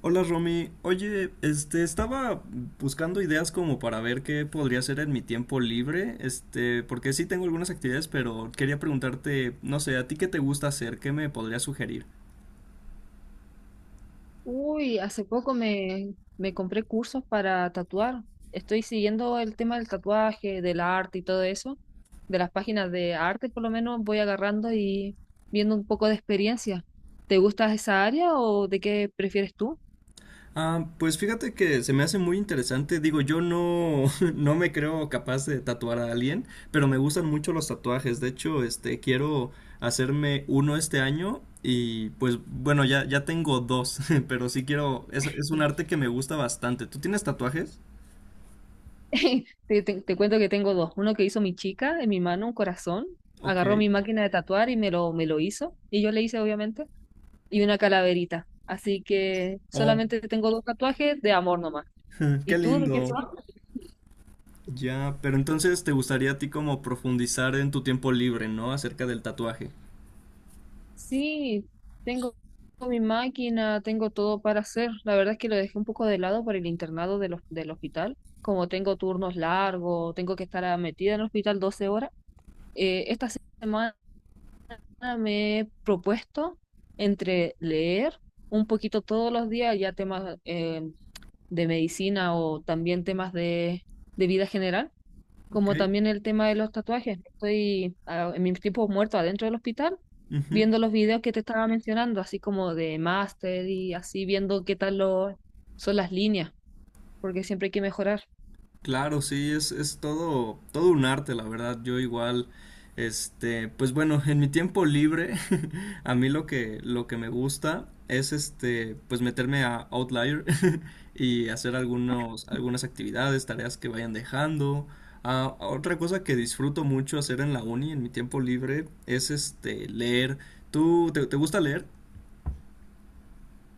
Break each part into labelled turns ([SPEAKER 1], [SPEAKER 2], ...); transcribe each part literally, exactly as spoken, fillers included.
[SPEAKER 1] Hola Romy, oye, este, estaba buscando ideas como para ver qué podría hacer en mi tiempo libre, este, porque sí tengo algunas actividades, pero quería preguntarte, no sé, ¿a ti qué te gusta hacer? ¿Qué me podrías sugerir?
[SPEAKER 2] Uy, hace poco me, me compré cursos para tatuar. Estoy siguiendo el tema del tatuaje, del arte y todo eso. De las páginas de arte, por lo menos, voy agarrando y viendo un poco de experiencia. ¿Te gusta esa área o de qué prefieres tú?
[SPEAKER 1] Ah, pues fíjate que se me hace muy interesante, digo, yo no, no me creo capaz de tatuar a alguien, pero me gustan mucho los tatuajes, de hecho, este, quiero hacerme uno este año y pues bueno, ya, ya tengo dos, pero sí quiero, es, es un arte que me gusta bastante. ¿Tú tienes tatuajes?
[SPEAKER 2] Te, te- te cuento que tengo dos. Uno que hizo mi chica en mi mano, un corazón.
[SPEAKER 1] Ok.
[SPEAKER 2] Agarró mi máquina de tatuar y me lo, me lo hizo. Y yo le hice, obviamente. Y una calaverita. Así que
[SPEAKER 1] Oh,
[SPEAKER 2] solamente tengo dos tatuajes de amor nomás. ¿Y
[SPEAKER 1] qué
[SPEAKER 2] tú de qué
[SPEAKER 1] lindo.
[SPEAKER 2] son?
[SPEAKER 1] Ya, pero entonces te gustaría a ti como profundizar en tu tiempo libre, ¿no? Acerca del tatuaje.
[SPEAKER 2] Sí, tengo mi máquina, tengo todo para hacer. La verdad es que lo dejé un poco de lado por el internado de los del hospital. Como tengo turnos largos, tengo que estar ah, metida en el hospital doce horas. Eh, esta semana me he propuesto entre leer un poquito todos los días, ya temas eh, de medicina o también temas de, de vida general,
[SPEAKER 1] Ok.
[SPEAKER 2] como también el tema de los tatuajes. Estoy ah, en mis tiempos muertos adentro del hospital
[SPEAKER 1] Ujú.
[SPEAKER 2] viendo los videos que te estaba mencionando, así como de máster y así viendo qué tal lo- son las líneas, porque siempre hay que mejorar.
[SPEAKER 1] Claro, sí, es, es todo, todo un arte, la verdad. Yo igual, este, pues bueno, en mi tiempo libre, a mí lo que, lo que me gusta es este, pues meterme a Outlier y hacer algunos, algunas actividades, tareas que vayan dejando. Ah, otra cosa que disfruto mucho hacer en la uni, en mi tiempo libre, es este, leer. ¿Tú te, te gusta leer?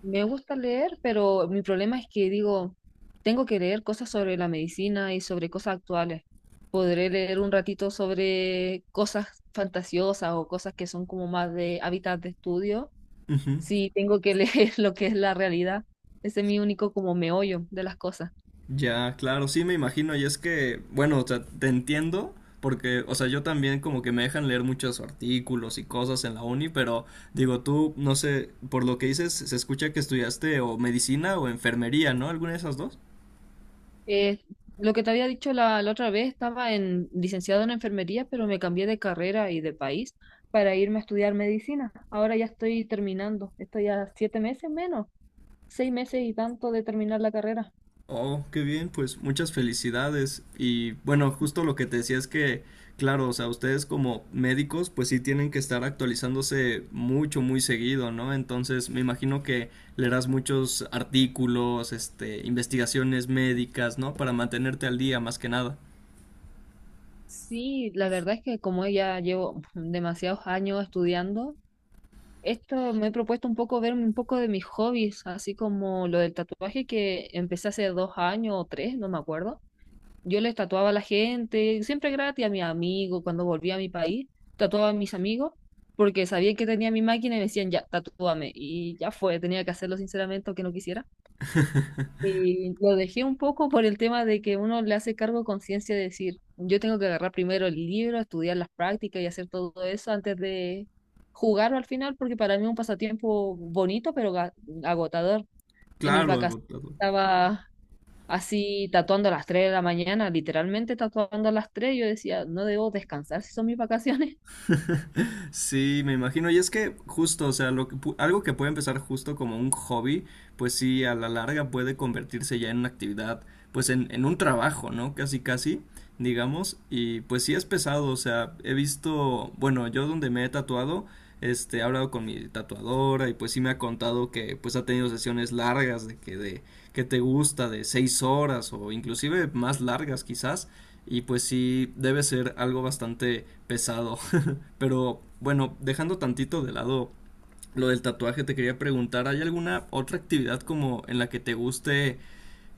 [SPEAKER 2] Me gusta leer, pero mi problema es que digo, tengo que leer cosas sobre la medicina y sobre cosas actuales. Podré leer un ratito sobre cosas fantasiosas o cosas que son como más de hábitat de estudio.
[SPEAKER 1] Ujú.
[SPEAKER 2] Sí, tengo que leer lo que es la realidad. Ese es mi único como meollo de las cosas.
[SPEAKER 1] Ya, claro, sí me imagino, y es que, bueno, o sea, te entiendo, porque, o sea, yo también como que me dejan leer muchos artículos y cosas en la uni, pero digo, tú, no sé, por lo que dices, se escucha que estudiaste o medicina o enfermería, ¿no? ¿Alguna de esas dos?
[SPEAKER 2] Eh, lo que te había dicho la, la otra vez, estaba en licenciado en enfermería, pero me cambié de carrera y de país para irme a estudiar medicina. Ahora ya estoy terminando. Estoy a siete meses menos, seis meses y tanto de terminar la carrera.
[SPEAKER 1] Oh, qué bien, pues muchas felicidades. Y bueno, justo lo que te decía es que, claro, o sea, ustedes como médicos, pues sí tienen que estar actualizándose mucho, muy seguido, ¿no? Entonces, me imagino que leerás muchos artículos, este, investigaciones médicas, ¿no? Para mantenerte al día, más que nada.
[SPEAKER 2] Y la verdad es que como ya llevo demasiados años estudiando, esto me he propuesto un poco verme un poco de mis hobbies, así como lo del tatuaje que empecé hace dos años o tres, no me acuerdo. Yo les tatuaba a la gente, siempre gratis, a mis amigos. Cuando volví a mi país, tatuaba a mis amigos, porque sabía que tenía mi máquina y me decían, ya, tatúame. Y ya fue, tenía que hacerlo sinceramente, aunque no quisiera. Y lo dejé un poco por el tema de que uno le hace cargo de conciencia de decir, yo tengo que agarrar primero el libro, estudiar las prácticas y hacer todo eso antes de jugarlo al final, porque para mí es un pasatiempo bonito, pero ga- agotador. En mis
[SPEAKER 1] Claro,
[SPEAKER 2] vacaciones
[SPEAKER 1] agotador.
[SPEAKER 2] estaba así tatuando a las tres de la mañana, literalmente tatuando a las tres. Yo decía, no debo descansar si son mis vacaciones.
[SPEAKER 1] Sí, me imagino. Y es que justo, o sea, lo que pu- algo que puede empezar justo como un hobby, pues sí, a la larga puede convertirse ya en una actividad, pues en, en un trabajo, ¿no? Casi, casi, digamos. Y pues sí es pesado, o sea, he visto, bueno, yo donde me he tatuado, este, he hablado con mi tatuadora y pues sí me ha contado que pues ha tenido sesiones largas de que de que te gusta de seis horas o inclusive más largas quizás. Y pues sí, debe ser algo bastante pesado. Pero bueno, dejando tantito de lado lo del tatuaje, te quería preguntar, ¿hay alguna otra actividad como en la que te guste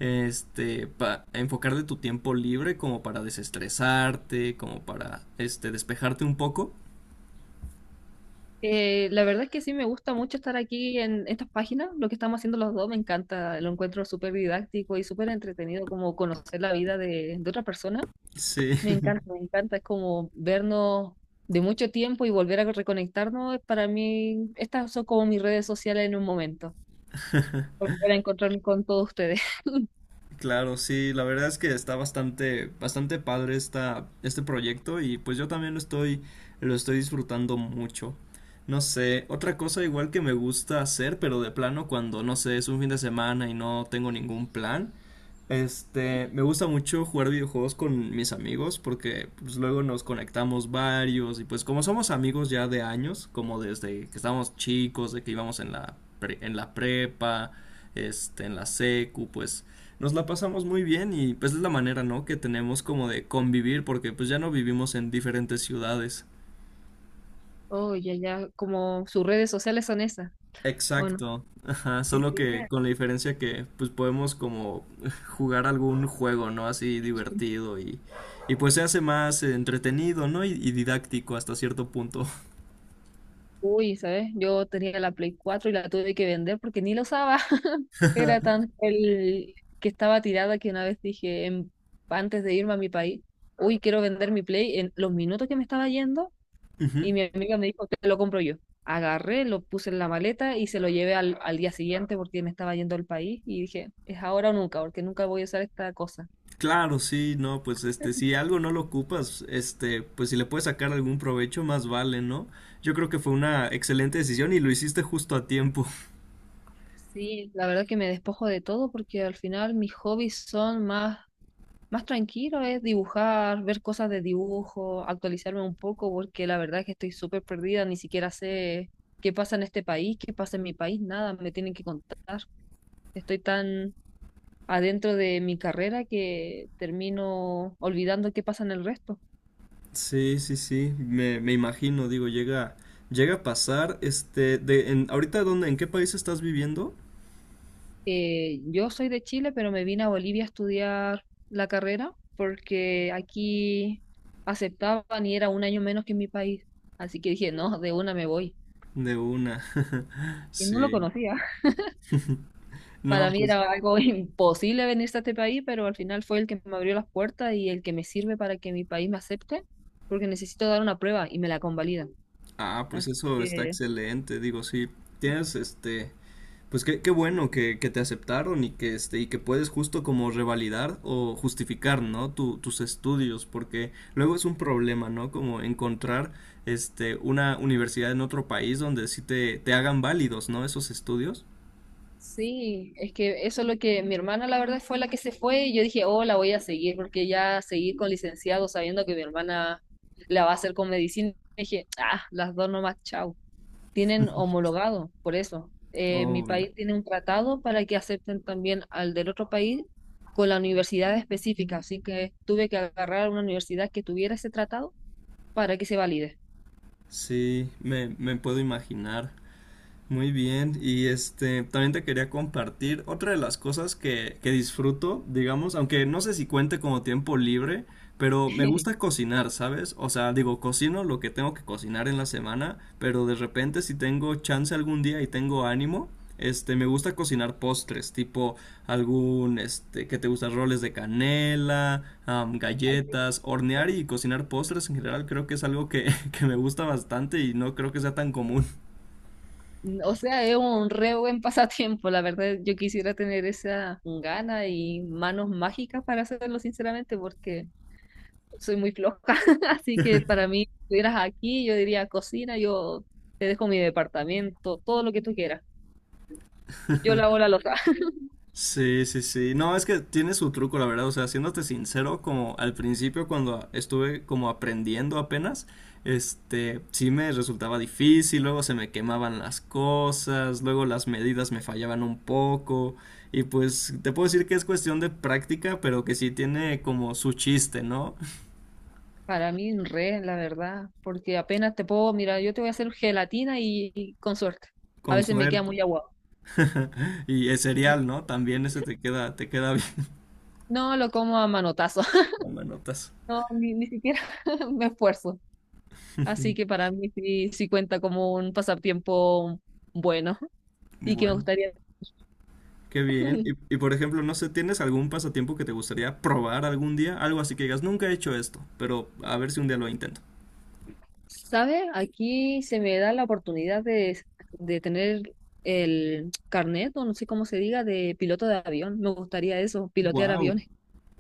[SPEAKER 1] este pa- enfocar de tu tiempo libre como para desestresarte, como para este despejarte un poco?
[SPEAKER 2] Eh, la verdad es que sí me gusta mucho estar aquí en estas páginas. Lo que estamos haciendo los dos me encanta, lo encuentro súper didáctico y súper entretenido, como conocer la vida de, de otra persona.
[SPEAKER 1] Sí.
[SPEAKER 2] Me encanta, me encanta, es como vernos de mucho tiempo y volver a reconectarnos. Para mí, estas son como mis redes sociales en un momento, volver a encontrarme con todos ustedes.
[SPEAKER 1] Claro, sí, la verdad es que está bastante, bastante padre esta, este proyecto y pues yo también lo estoy, lo estoy disfrutando mucho. No sé, otra cosa igual que me gusta hacer, pero de plano cuando, no sé, es un fin de semana y no tengo ningún plan, este, me gusta mucho jugar videojuegos con mis amigos porque pues luego nos conectamos varios y pues como somos amigos ya de años, como desde que estábamos chicos, de que íbamos en la pre- en la prepa, este, en la secu, pues nos la pasamos muy bien y pues es la manera, ¿no? Que tenemos como de convivir porque pues ya no vivimos en diferentes ciudades.
[SPEAKER 2] Oh, ya, ya, como sus redes sociales son esas. ¿O no?
[SPEAKER 1] Exacto, ajá,
[SPEAKER 2] Qué
[SPEAKER 1] solo que
[SPEAKER 2] pena.
[SPEAKER 1] con la diferencia que pues podemos como jugar algún juego, ¿no? Así divertido y, y pues se hace más entretenido, ¿no? Y, y didáctico hasta cierto punto.
[SPEAKER 2] Uy, ¿sabes? Yo tenía la Play cuatro y la tuve que vender porque ni lo usaba. Era tan el que estaba tirada que una vez dije, en- antes de irme a mi país, uy, quiero vender mi Play en los minutos que me estaba yendo.
[SPEAKER 1] Ujú.
[SPEAKER 2] Y mi amiga me dijo que lo compro yo. Agarré, lo puse en la maleta y se lo llevé al, al día siguiente, porque me estaba yendo al país. Y dije, es ahora o nunca, porque nunca voy a usar esta cosa.
[SPEAKER 1] Claro, sí, no, pues este, si algo no lo ocupas, este, pues si le puedes sacar algún provecho, más vale, ¿no? Yo creo que fue una excelente decisión y lo hiciste justo a tiempo.
[SPEAKER 2] Sí, la verdad que me despojo de todo, porque al final mis hobbies son más más tranquilo es dibujar, ver cosas de dibujo, actualizarme un poco, porque la verdad es que estoy súper perdida, ni siquiera sé qué pasa en este país, qué pasa en mi país, nada, me tienen que contar. Estoy tan adentro de mi carrera que termino olvidando qué pasa en el resto.
[SPEAKER 1] Sí, sí, sí, me, me imagino, digo, llega, llega a pasar, este, de, en, ahorita dónde, ¿en qué país estás viviendo?
[SPEAKER 2] Eh, yo soy de Chile, pero me vine a Bolivia a estudiar la carrera, porque aquí aceptaban y era un año menos que en mi país. Así que dije, no, de una me voy.
[SPEAKER 1] De una,
[SPEAKER 2] Y no lo
[SPEAKER 1] sí,
[SPEAKER 2] conocía. Para
[SPEAKER 1] no,
[SPEAKER 2] mí
[SPEAKER 1] pues,
[SPEAKER 2] era algo imposible venirse a este país, pero al final fue el que me abrió las puertas y el que me sirve para que mi país me acepte, porque necesito dar una prueba y me la convalida.
[SPEAKER 1] ah,
[SPEAKER 2] Así
[SPEAKER 1] pues eso está
[SPEAKER 2] que,
[SPEAKER 1] excelente, digo, sí, tienes, este, pues qué, qué bueno que, que te aceptaron y que, este, y que puedes justo como revalidar o justificar, ¿no? Tu, tus estudios, porque luego es un problema, ¿no? Como encontrar, este, una universidad en otro país donde sí te, te hagan válidos, ¿no? Esos estudios.
[SPEAKER 2] sí, es que eso es lo que mi hermana, la verdad, fue la que se fue, y yo dije, oh, la voy a seguir, porque ya seguir con licenciado sabiendo que mi hermana la va a hacer con medicina. Dije, ah, las dos nomás, chao. Tienen homologado, por eso. Eh, mi
[SPEAKER 1] Oh, ya.
[SPEAKER 2] país tiene un tratado para que acepten también al del otro país con la universidad específica, así que tuve que agarrar una universidad que tuviera ese tratado para que se valide.
[SPEAKER 1] Sí, me, me puedo imaginar. Muy bien, y este, también te quería compartir otra de las cosas que, que disfruto, digamos, aunque no sé si cuente como tiempo libre, pero me gusta cocinar, ¿sabes? O sea, digo, cocino lo que tengo que cocinar en la semana, pero de repente si tengo chance algún día y tengo ánimo, este, me gusta cocinar postres, tipo algún, este, que te gustan roles de canela, am,
[SPEAKER 2] Ay, qué
[SPEAKER 1] galletas,
[SPEAKER 2] loco.
[SPEAKER 1] hornear y cocinar postres en general, creo que es algo que, que me gusta bastante y no creo que sea tan común.
[SPEAKER 2] O sea, es un re buen pasatiempo, la verdad. Yo quisiera tener esa gana y manos mágicas para hacerlo, sinceramente, porque soy muy floja. Así que para mí, si estuvieras aquí, yo diría cocina, yo te dejo mi departamento, todo lo que tú quieras. Yo lavo la loza.
[SPEAKER 1] Sí, sí, sí. No, es que tiene su truco, la verdad. O sea, siéndote sincero, como al principio cuando estuve como aprendiendo apenas, este, sí me resultaba difícil, luego se me quemaban las cosas, luego las medidas me fallaban un poco. Y pues te puedo decir que es cuestión de práctica, pero que sí tiene como su chiste, ¿no?
[SPEAKER 2] Para mí, re, la verdad, porque apenas te puedo, mira, yo te voy a hacer gelatina y, y con suerte. A
[SPEAKER 1] Con
[SPEAKER 2] veces me queda
[SPEAKER 1] suerte.
[SPEAKER 2] muy aguado.
[SPEAKER 1] Y es
[SPEAKER 2] Sí.
[SPEAKER 1] serial, ¿no? También ese te queda, te queda bien.
[SPEAKER 2] No lo como a manotazo.
[SPEAKER 1] Tomanotas.
[SPEAKER 2] No, ni, ni siquiera me esfuerzo. Así que para mí sí, sí cuenta como un pasatiempo bueno y que me
[SPEAKER 1] Bueno.
[SPEAKER 2] gustaría.
[SPEAKER 1] Qué bien. Y, y, por ejemplo, no sé, ¿tienes algún pasatiempo que te gustaría probar algún día? Algo así que digas, nunca he hecho esto, pero a ver si un día lo intento.
[SPEAKER 2] Sabe. Aquí se me da la oportunidad de, de tener el carnet, o no sé cómo se diga, de piloto de avión. Me gustaría eso, pilotear
[SPEAKER 1] Wow,
[SPEAKER 2] aviones.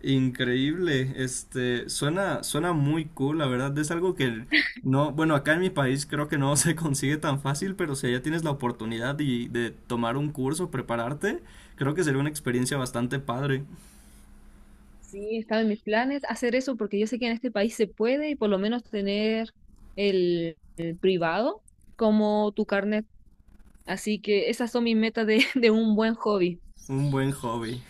[SPEAKER 1] increíble. Este, suena, suena muy cool, la verdad. Es algo que no, bueno, acá en mi país creo que no se consigue tan fácil, pero si ya tienes la oportunidad y de tomar un curso, prepararte, creo que sería una experiencia bastante padre.
[SPEAKER 2] Sí, estaba en mis planes hacer eso, porque yo sé que en este país se puede y por lo menos tener el, el privado como tu carnet. Así que esas son mis metas de, de un buen hobby.
[SPEAKER 1] Un buen hobby.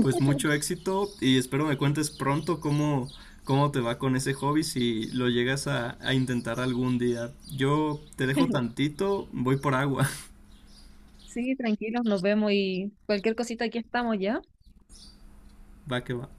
[SPEAKER 1] Pues mucho éxito y espero me cuentes pronto cómo, cómo te va con ese hobby si lo llegas a, a intentar algún día. Yo te dejo tantito, voy por agua.
[SPEAKER 2] Sí, tranquilos, nos vemos y cualquier cosita aquí estamos ya.
[SPEAKER 1] Va que va.